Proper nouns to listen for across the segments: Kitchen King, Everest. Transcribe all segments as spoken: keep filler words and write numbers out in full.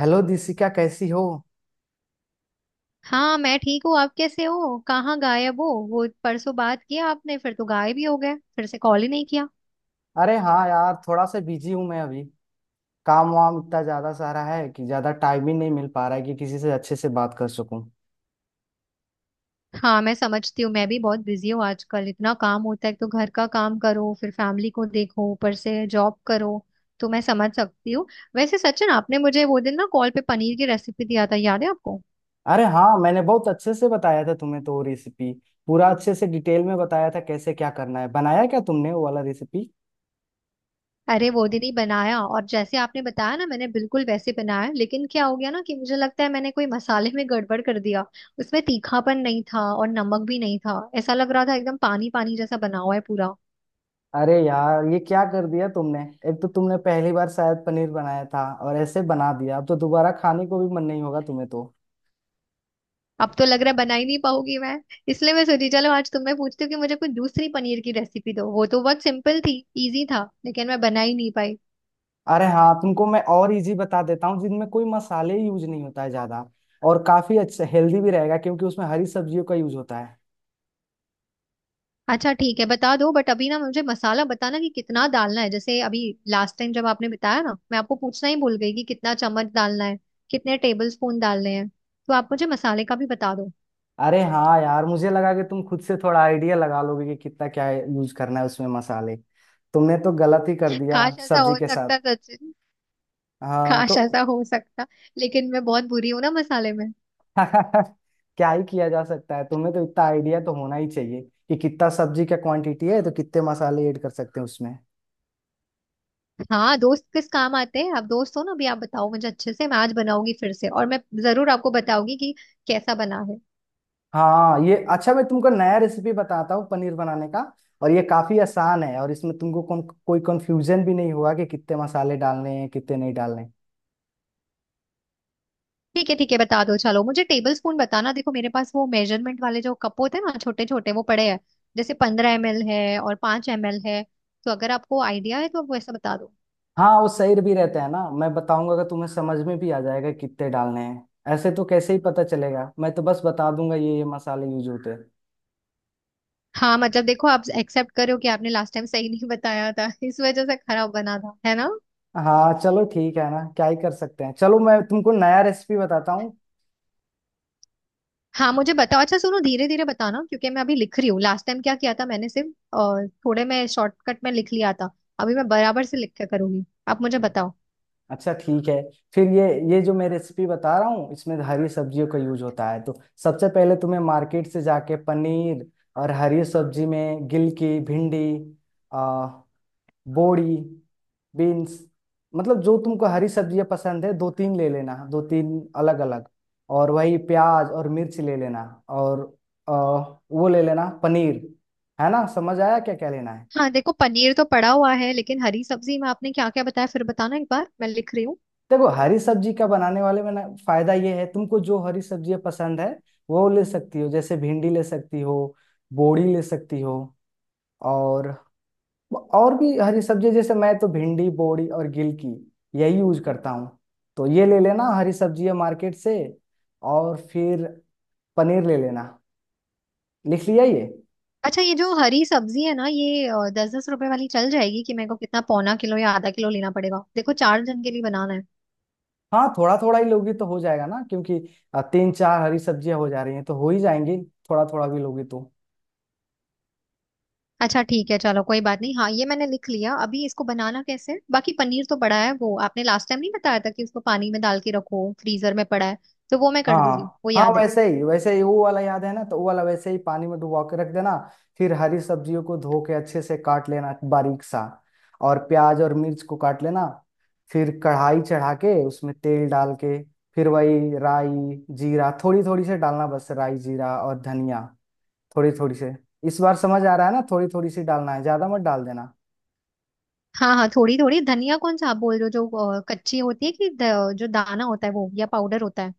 Hello Dishika, कैसी हो? हाँ, मैं ठीक हूँ। आप कैसे हो? कहाँ गायब हो? वो परसों बात किया आपने, फिर तो गायब ही हो गए, फिर से कॉल ही नहीं किया। अरे हाँ यार, थोड़ा सा बिजी हूँ मैं अभी। काम वाम इतना ज्यादा सारा है कि ज्यादा टाइम ही नहीं मिल पा रहा है कि किसी से अच्छे से बात कर सकूं। हाँ, मैं समझती हूँ। मैं भी बहुत बिजी हूँ आजकल। इतना काम होता है, एक तो घर का काम करो, फिर फैमिली को देखो, ऊपर से जॉब करो। तो मैं समझ सकती हूँ। वैसे सचिन, आपने मुझे वो दिन ना कॉल पे पनीर की रेसिपी दिया था, याद है आपको? अरे हाँ, मैंने बहुत अच्छे से बताया था तुम्हें तो वो रेसिपी, पूरा अच्छे से डिटेल में बताया था कैसे क्या करना है। बनाया क्या तुमने वो वाला रेसिपी? अरे वो दीदी बनाया, और जैसे आपने बताया ना, मैंने बिल्कुल वैसे बनाया, लेकिन क्या हो गया ना कि मुझे लगता है मैंने कोई मसाले में गड़बड़ कर दिया। उसमें तीखापन नहीं था और नमक भी नहीं था। ऐसा लग रहा था एकदम पानी पानी जैसा बना हुआ है पूरा। अरे यार, ये क्या कर दिया तुमने। एक तो तुमने पहली बार शायद पनीर बनाया था और ऐसे बना दिया, अब तो दोबारा खाने को भी मन नहीं होगा तुम्हें तो। अब तो लग रहा है बना ही नहीं पाऊंगी मैं। इसलिए मैं सोची चलो आज तुम्हें पूछती हूँ कि मुझे कोई दूसरी पनीर की रेसिपी दो। वो तो बहुत सिंपल थी, इजी था, लेकिन मैं बना ही नहीं पाई। अरे हाँ, तुमको मैं और इजी बता देता हूँ जिनमें कोई मसाले यूज नहीं होता है ज्यादा, और काफी अच्छा हेल्दी भी रहेगा क्योंकि उसमें हरी सब्जियों का यूज होता है। अच्छा ठीक है, बता दो। बट अभी ना, मुझे मसाला बताना कि कितना डालना है। जैसे अभी लास्ट टाइम जब आपने बताया ना, मैं आपको पूछना ही भूल गई कि कितना चम्मच डालना है, कितने टेबल स्पून डालने हैं। तो आप मुझे मसाले का भी बता दो। अरे हाँ यार, मुझे लगा कि तुम खुद से थोड़ा आइडिया लगा लोगे कि कितना क्या यूज करना है उसमें मसाले। तुमने तो गलत ही कर दिया काश ऐसा सब्जी हो के साथ। सकता सचिन। हाँ तो काश ऐसा हो सकता। लेकिन मैं बहुत बुरी हूँ ना मसाले में। क्या ही किया जा सकता है। तुम्हें तो इतना आइडिया तो होना ही चाहिए कि कितना सब्जी का क्वांटिटी है तो कितने मसाले ऐड कर सकते हैं उसमें। हाँ दोस्त, किस काम आते हैं आप? दोस्त हो ना। अभी आप बताओ मुझे अच्छे से, मैं आज बनाऊंगी फिर से, और मैं जरूर आपको बताऊंगी कि कैसा बना है। हाँ ये अच्छा, मैं तुमको नया रेसिपी बताता हूँ पनीर बनाने का, और ये काफी आसान है, और इसमें तुमको कौन, कोई कंफ्यूजन भी नहीं होगा कि कितने मसाले डालने हैं, कितने नहीं डालने हैं। ठीक है ठीक है, बता दो। चलो मुझे टेबल स्पून बताना। देखो मेरे पास वो मेजरमेंट वाले जो कप होते हैं ना, छोटे छोटे, वो पड़े हैं। जैसे पंद्रह एम एल है और पांच एम एल है। तो अगर आपको आइडिया है तो आप वैसा बता दो। हाँ वो सही भी रहते हैं ना, मैं बताऊंगा अगर तुम्हें समझ में भी आ जाएगा कितने डालने हैं। ऐसे तो कैसे ही पता चलेगा, मैं तो बस बता दूंगा ये ये मसाले यूज होते हैं। हाँ मतलब देखो, आप एक्सेप्ट करो कि आपने लास्ट टाइम सही नहीं बताया था। इस वजह से खराब बना था, है ना। हाँ चलो ठीक है ना, क्या ही कर सकते हैं, चलो मैं तुमको नया रेसिपी बताता हूँ। हाँ मुझे बताओ। अच्छा सुनो, धीरे धीरे बताना क्योंकि मैं अभी लिख रही हूँ। लास्ट टाइम क्या किया था, मैंने सिर्फ अ, थोड़े में शॉर्टकट में लिख लिया था। अभी मैं बराबर से लिख के करूंगी, आप मुझे बताओ। अच्छा ठीक है। फिर ये ये जो मैं रेसिपी बता रहा हूँ इसमें हरी सब्जियों का यूज होता है, तो सबसे पहले तुम्हें मार्केट से जाके पनीर, और हरी सब्जी में गिलकी, भिंडी, आ, बोड़ी, बीन्स, मतलब जो तुमको हरी सब्जियाँ पसंद है दो तीन ले लेना, दो तीन अलग अलग, और वही प्याज और मिर्च ले लेना, और आ, वो ले लेना पनीर। है ना, समझ आया क्या क्या लेना है? हाँ देखो, पनीर तो पड़ा हुआ है, लेकिन हरी सब्जी में आपने क्या क्या बताया फिर बताना एक बार, मैं लिख रही हूँ। देखो हरी सब्जी का बनाने वाले में ना, फायदा ये है तुमको जो हरी सब्जियां पसंद है वो ले सकती हो, जैसे भिंडी ले सकती हो, बोड़ी ले सकती हो, और और भी हरी सब्जी, जैसे मैं तो भिंडी, बोड़ी और गिलकी यही यूज करता हूँ। तो ये ले लेना हरी सब्जियां मार्केट से, और फिर पनीर ले लेना। लिख लिया ये? अच्छा ये जो हरी सब्जी है ना, ये दस दस रुपए वाली चल जाएगी कि मेरे को कितना, पौना किलो या आधा किलो लेना पड़ेगा? देखो चार जन के लिए बनाना है। हाँ थोड़ा थोड़ा ही लोगी तो हो जाएगा ना, क्योंकि अ, तीन चार हरी सब्जियां हो जा रही हैं तो हो ही जाएंगी, थोड़ा थोड़ा भी लोगी तो। अच्छा ठीक है, चलो कोई बात नहीं। हाँ, ये मैंने लिख लिया। अभी इसको बनाना कैसे है? बाकी पनीर तो पड़ा है, वो आपने लास्ट टाइम नहीं बताया था कि उसको पानी में डाल के रखो, फ्रीजर में पड़ा है। तो वो मैं कर दूंगी, हाँ वो हाँ, याद है। वैसे ही वैसे ही, वो वाला याद है ना, तो वो वाला वैसे ही पानी में डुबा के रख देना। फिर हरी सब्जियों को धो के अच्छे से काट लेना बारीक सा, और प्याज और मिर्च को काट लेना। फिर कढ़ाई चढ़ा के उसमें तेल डाल के, फिर वही राई जीरा थोड़ी थोड़ी से डालना, बस राई जीरा और धनिया थोड़ी थोड़ी से। इस बार समझ आ रहा है ना, थोड़ी थोड़ी सी डालना है, ज्यादा मत डाल देना। हाँ हाँ, थोड़ी थोड़ी। धनिया कौन सा आप बोल रहे हो? जो अ, कच्ची होती है कि द- जो दाना होता है वो, या पाउडर होता है?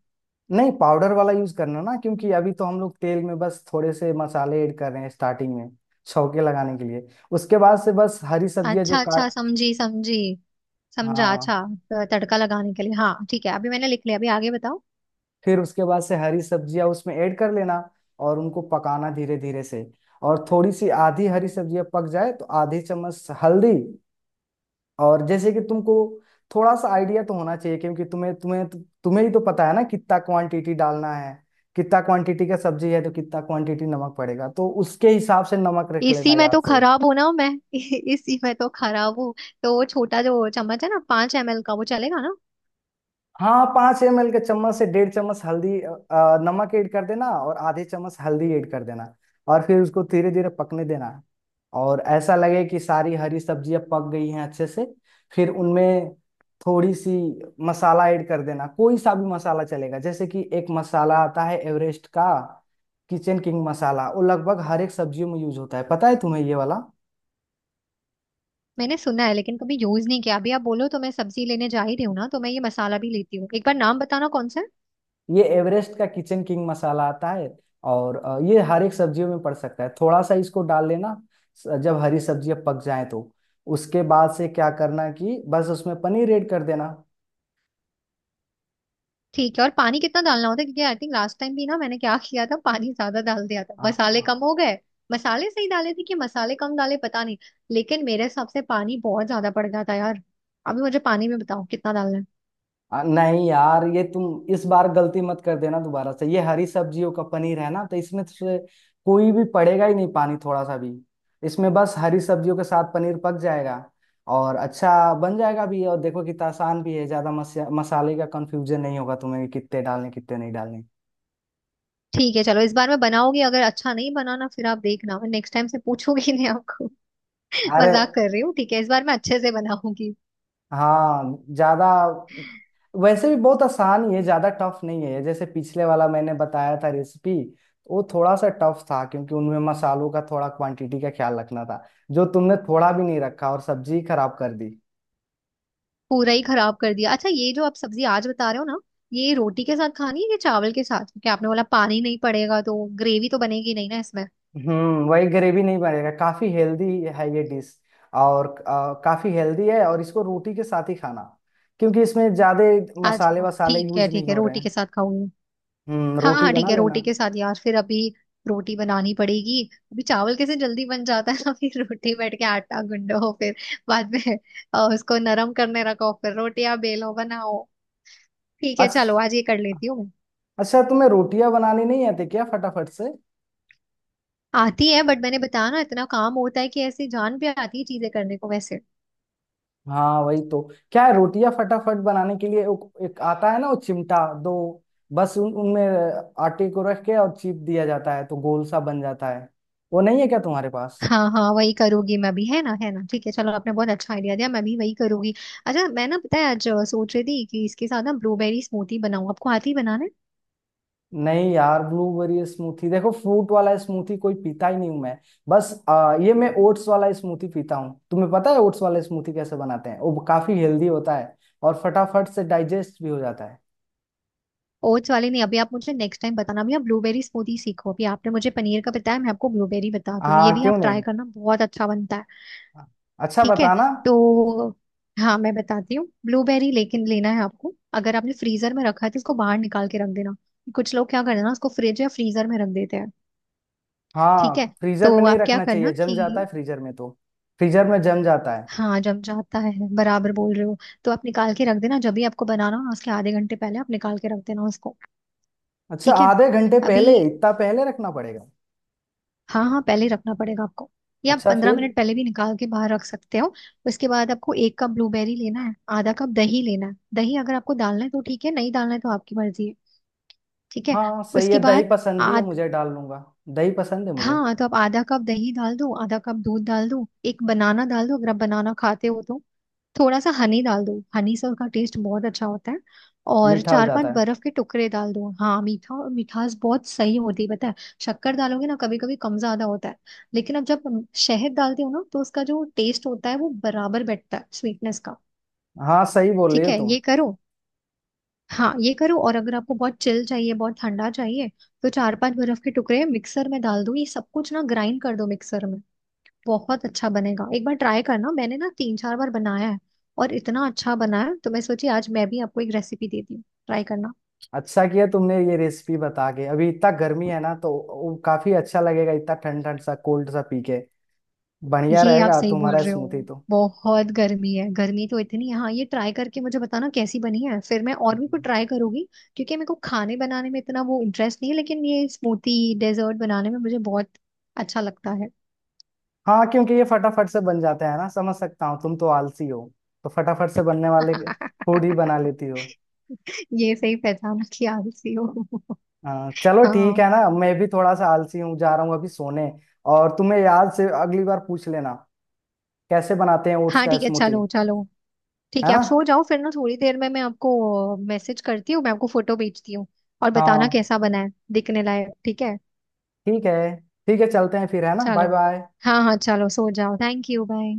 नहीं, पाउडर वाला यूज करना ना, क्योंकि अभी तो हम लोग तेल में बस थोड़े से मसाले ऐड कर रहे हैं स्टार्टिंग में, छौके लगाने के लिए। उसके बाद से बस हरी सब्जियां जो अच्छा अच्छा, काट। समझी समझी। समझा, हाँ, अच्छा, त- तड़का लगाने के लिए। हाँ ठीक है, अभी मैंने लिख लिया, अभी आगे बताओ। फिर उसके बाद से हरी सब्जियां उसमें ऐड कर लेना और उनको पकाना धीरे धीरे से, और थोड़ी सी आधी हरी सब्जियां पक जाए तो आधी चम्मच हल्दी। और जैसे कि तुमको थोड़ा सा आइडिया तो होना चाहिए, क्योंकि तुम्हें तुम्हें तु, तुम्हें ही तो पता है ना कितना क्वांटिटी डालना है। कितना क्वांटिटी का सब्जी है तो कितना क्वांटिटी नमक पड़ेगा, तो उसके हिसाब से नमक रख लेना इसी में याद तो से। खराब हूं ना मैं। इसी में तो खराब हूँ। तो वो छोटा जो चम्मच है ना, पांच एम एल का, वो चलेगा ना? हाँ, पाँच एम एल के चम्मच से डेढ़ चम्मच हल्दी अ, अ, नमक ऐड कर देना, और आधे चम्मच हल्दी ऐड कर देना, और फिर उसको धीरे धीरे पकने देना। और ऐसा लगे कि सारी हरी सब्जियां पक गई हैं अच्छे से, फिर उनमें थोड़ी सी मसाला ऐड कर देना। कोई सा भी मसाला चलेगा, जैसे कि एक मसाला आता है एवरेस्ट का किचन किंग मसाला, वो लगभग हर एक सब्जियों में यूज होता है। पता है तुम्हें ये वाला? मैंने सुना है लेकिन कभी यूज नहीं किया। अभी आप बोलो तो मैं सब्जी लेने जा ही रही हूँ ना, तो मैं ये मसाला भी लेती हूँ। एक बार नाम बताना कौन सा। ये एवरेस्ट का किचन किंग मसाला आता है, और अ, ये हर एक सब्जियों में पड़ सकता है, थोड़ा सा इसको डाल लेना। स- जब हरी सब्जियां पक जाएं, तो उसके बाद से क्या करना कि बस उसमें पनीर ऐड कर देना। ठीक है, और पानी कितना डालना होता है? क्योंकि आई थिंक लास्ट टाइम भी ना, मैंने क्या किया था, पानी ज्यादा डाल दिया था, हाँ, मसाले कम हाँ। हो गए। मसाले सही डाले थे कि मसाले कम डाले, पता नहीं। लेकिन मेरे हिसाब से पानी बहुत ज्यादा पड़ गया था यार। अभी मुझे पानी में बताओ कितना डालना है। आ, नहीं यार, ये तुम इस बार गलती मत कर देना दोबारा से, ये हरी सब्जियों का पनीर है ना, तो इसमें से कोई भी पड़ेगा ही नहीं पानी थोड़ा सा भी। इसमें बस हरी सब्जियों के साथ पनीर पक जाएगा, और अच्छा बन जाएगा भी। और देखो कितना आसान भी है, ज्यादा मस, मसाले का कंफ्यूजन नहीं होगा तुम्हें कि कितने डालने, कितने नहीं डालने। ठीक है चलो, इस बार मैं बनाओगी। अगर अच्छा नहीं बना ना फिर आप देखना, मैं नेक्स्ट टाइम से पूछूंगी नहीं आपको। अरे मजाक कर रही हूँ, ठीक है, इस बार मैं अच्छे से बनाऊंगी। हाँ, ज्यादा, वैसे भी बहुत आसान ही है, ज्यादा टफ नहीं है। जैसे पिछले वाला मैंने बताया था रेसिपी, वो थोड़ा सा टफ था क्योंकि उनमें मसालों का थोड़ा क्वांटिटी का ख्याल रखना था, जो तुमने थोड़ा भी नहीं रखा और सब्जी खराब कर दी। पूरा ही खराब कर दिया। अच्छा ये जो आप सब्जी आज बता रहे हो ना, ये रोटी के साथ खानी है कि चावल के साथ? क्योंकि आपने बोला पानी नहीं पड़ेगा, तो ग्रेवी तो बनेगी नहीं ना। हम्म वही ग्रेवी नहीं बनेगा। काफी हेल्दी है ये डिश, और आ, काफी हेल्दी है, और इसको रोटी के साथ ही खाना, क्योंकि इसमें ज्यादा आ मसाले जाओ, वसाले ठीक यूज है नहीं ठीक है, हो रहे रोटी हैं। के साथ खाऊंगी। हम्म हाँ रोटी हाँ बना ठीक है, लेना। रोटी के साथ। यार फिर अभी रोटी बनानी पड़ेगी। अभी चावल कैसे जल्दी बन जाता है ना। फिर रोटी, बैठ के आटा गुंदो, फिर बाद में अ, उसको नरम करने रखो, फिर रोटियां बेलो, बनाओ। ठीक है अच्छा। चलो, आज ये कर लेती हूँ मैं। अच्छा तुम्हें रोटियां बनानी नहीं आती क्या फटाफट से? आती है, बट मैंने बताया ना, इतना काम होता है कि ऐसे जान पे आती है चीजें करने को वैसे। हाँ वही तो, क्या है, रोटियां फटाफट बनाने के लिए वो- एक आता है ना वो चिमटा दो, बस उन उनमें आटे को रख के और चीप दिया जाता है तो गोल सा बन जाता है। वो नहीं है क्या तुम्हारे पास? हाँ हाँ, वही करूंगी मैं भी, है ना, है ना। ठीक है चलो, आपने बहुत अच्छा आइडिया दिया, मैं भी वही करूंगी। अच्छा मैं ना, पता है आज अ, सोच रही थी कि इसके साथ ना ब्लूबेरी स्मूदी बनाऊं। आपको आती है बनाना? नहीं यार, ब्लूबेरी स्मूथी, देखो फ्रूट वाला स्मूथी कोई पीता ही नहीं हूं मैं। बस आ, ये मैं ओट्स वाला स्मूथी पीता हूँ। तुम्हें पता है ओट्स वाला स्मूथी कैसे बनाते हैं? वो काफी हेल्दी होता है और फटाफट से डाइजेस्ट भी हो जाता है। ओट्स वाले नहीं, अभी आप मुझे नेक्स्ट टाइम बताना। अभी आप ब्लूबेरी स्मूदी सीखो। अभी आपने मुझे पनीर का बताया, मैं आपको ब्लूबेरी बताती हूँ। ये हाँ भी क्यों आप ट्राई नहीं, करना, बहुत अच्छा बनता है। अच्छा ठीक है। बताना। तो हाँ, मैं बताती हूँ ब्लूबेरी। लेकिन लेना है आपको। अगर आपने फ्रीजर में रखा है तो इसको बाहर निकाल के रख देना। कुछ लोग क्या करते हैं ना, उसको फ्रिज या फ्रीजर में रख देते हैं। ठीक है। हाँ, फ्रीजर तो में नहीं आप क्या रखना करना चाहिए, जम जाता है कि, फ्रीजर में तो। फ्रीजर में जम जाता है। हाँ जम जाता है, बराबर बोल रहे हो। तो आप निकाल के रख देना, जब भी आपको बनाना हो ना, उसके आधे घंटे पहले आप निकाल के रख देना उसको। अच्छा ठीक है। आधे घंटे अभी, पहले, इतना पहले रखना पड़ेगा? हाँ हाँ, पहले ही रखना पड़ेगा आपको। या आप अच्छा पंद्रह फिर? मिनट पहले भी निकाल के बाहर रख सकते हो। उसके बाद आपको एक कप ब्लूबेरी लेना है, आधा कप दही लेना है। दही अगर आपको डालना है तो ठीक है, नहीं डालना है तो आपकी मर्जी है। ठीक है। हाँ सही उसके है, दही बाद, पसंद भी है मुझे, डाल लूंगा। दही पसंद है मुझे। हाँ, तो आप आधा कप दही डाल दो, आधा कप दूध डाल दो, एक बनाना डाल दो अगर आप बनाना खाते हो तो। थोड़ा सा हनी डाल दो, हनी से उसका टेस्ट बहुत अच्छा होता है। और मीठा हो चार पांच जाता है। बर्फ के टुकड़े डाल दो। हाँ मीठा, और मिठास बहुत सही होती है पता है। शक्कर डालोगे ना कभी कभी, कम ज्यादा होता है। लेकिन अब जब शहद डालते हो ना, तो उसका जो टेस्ट होता है वो बराबर बैठता है, स्वीटनेस का। हाँ सही बोल रही ठीक हो है तुम। ये करो। हाँ ये करो, और अगर आपको बहुत चिल चाहिए, बहुत ठंडा चाहिए, तो चार पांच बर्फ के टुकड़े मिक्सर में डाल दो, ये सब कुछ ना ग्राइंड कर दो मिक्सर में। बहुत अच्छा बनेगा, एक बार ट्राई करना। मैंने ना तीन चार बार बनाया है और इतना अच्छा बना है, तो मैं सोची आज मैं भी आपको एक रेसिपी देती हूँ, ट्राई करना। अच्छा किया तुमने ये रेसिपी बता के, अभी इतना गर्मी है ना तो वो काफी अच्छा लगेगा, इतना ठंड ठंड सा कोल्ड सा पी के बढ़िया ये आप रहेगा सही बोल तुम्हारा रहे स्मूथी हो, तो। बहुत गर्मी है, गर्मी तो इतनी है। हाँ ये ट्राई करके मुझे बताना कैसी बनी है, फिर मैं और भी कुछ हम्म। ट्राई करूंगी। क्योंकि मेरे को खाने बनाने में इतना वो इंटरेस्ट नहीं है, लेकिन ये स्मूथी डेजर्ट बनाने में मुझे बहुत अच्छा लगता है। हाँ क्योंकि ये फटाफट से बन जाते हैं ना, समझ सकता हूँ, तुम तो आलसी हो, तो फटाफट से बनने वाले फूड ही बना लेती हो। ये सही पहचाना कि आलसी हो। हाँ चलो ठीक हाँ है ना, मैं भी थोड़ा सा आलसी हूँ, जा रहा हूँ अभी सोने। और तुम्हें याद से अगली बार पूछ लेना कैसे बनाते हैं ओट्स हाँ का ठीक है, स्मूथी। चलो चलो। ठीक है है ना? आप सो जाओ फिर ना, थोड़ी देर में मैं आपको मैसेज करती हूँ, मैं आपको फोटो भेजती हूँ। और बताना हाँ कैसा बना है दिखने लायक, ठीक है? ठीक है, ठीक है, चलते हैं फिर, है ना? बाय चलो, बाय। हाँ हाँ चलो, सो जाओ, थैंक यू बाय।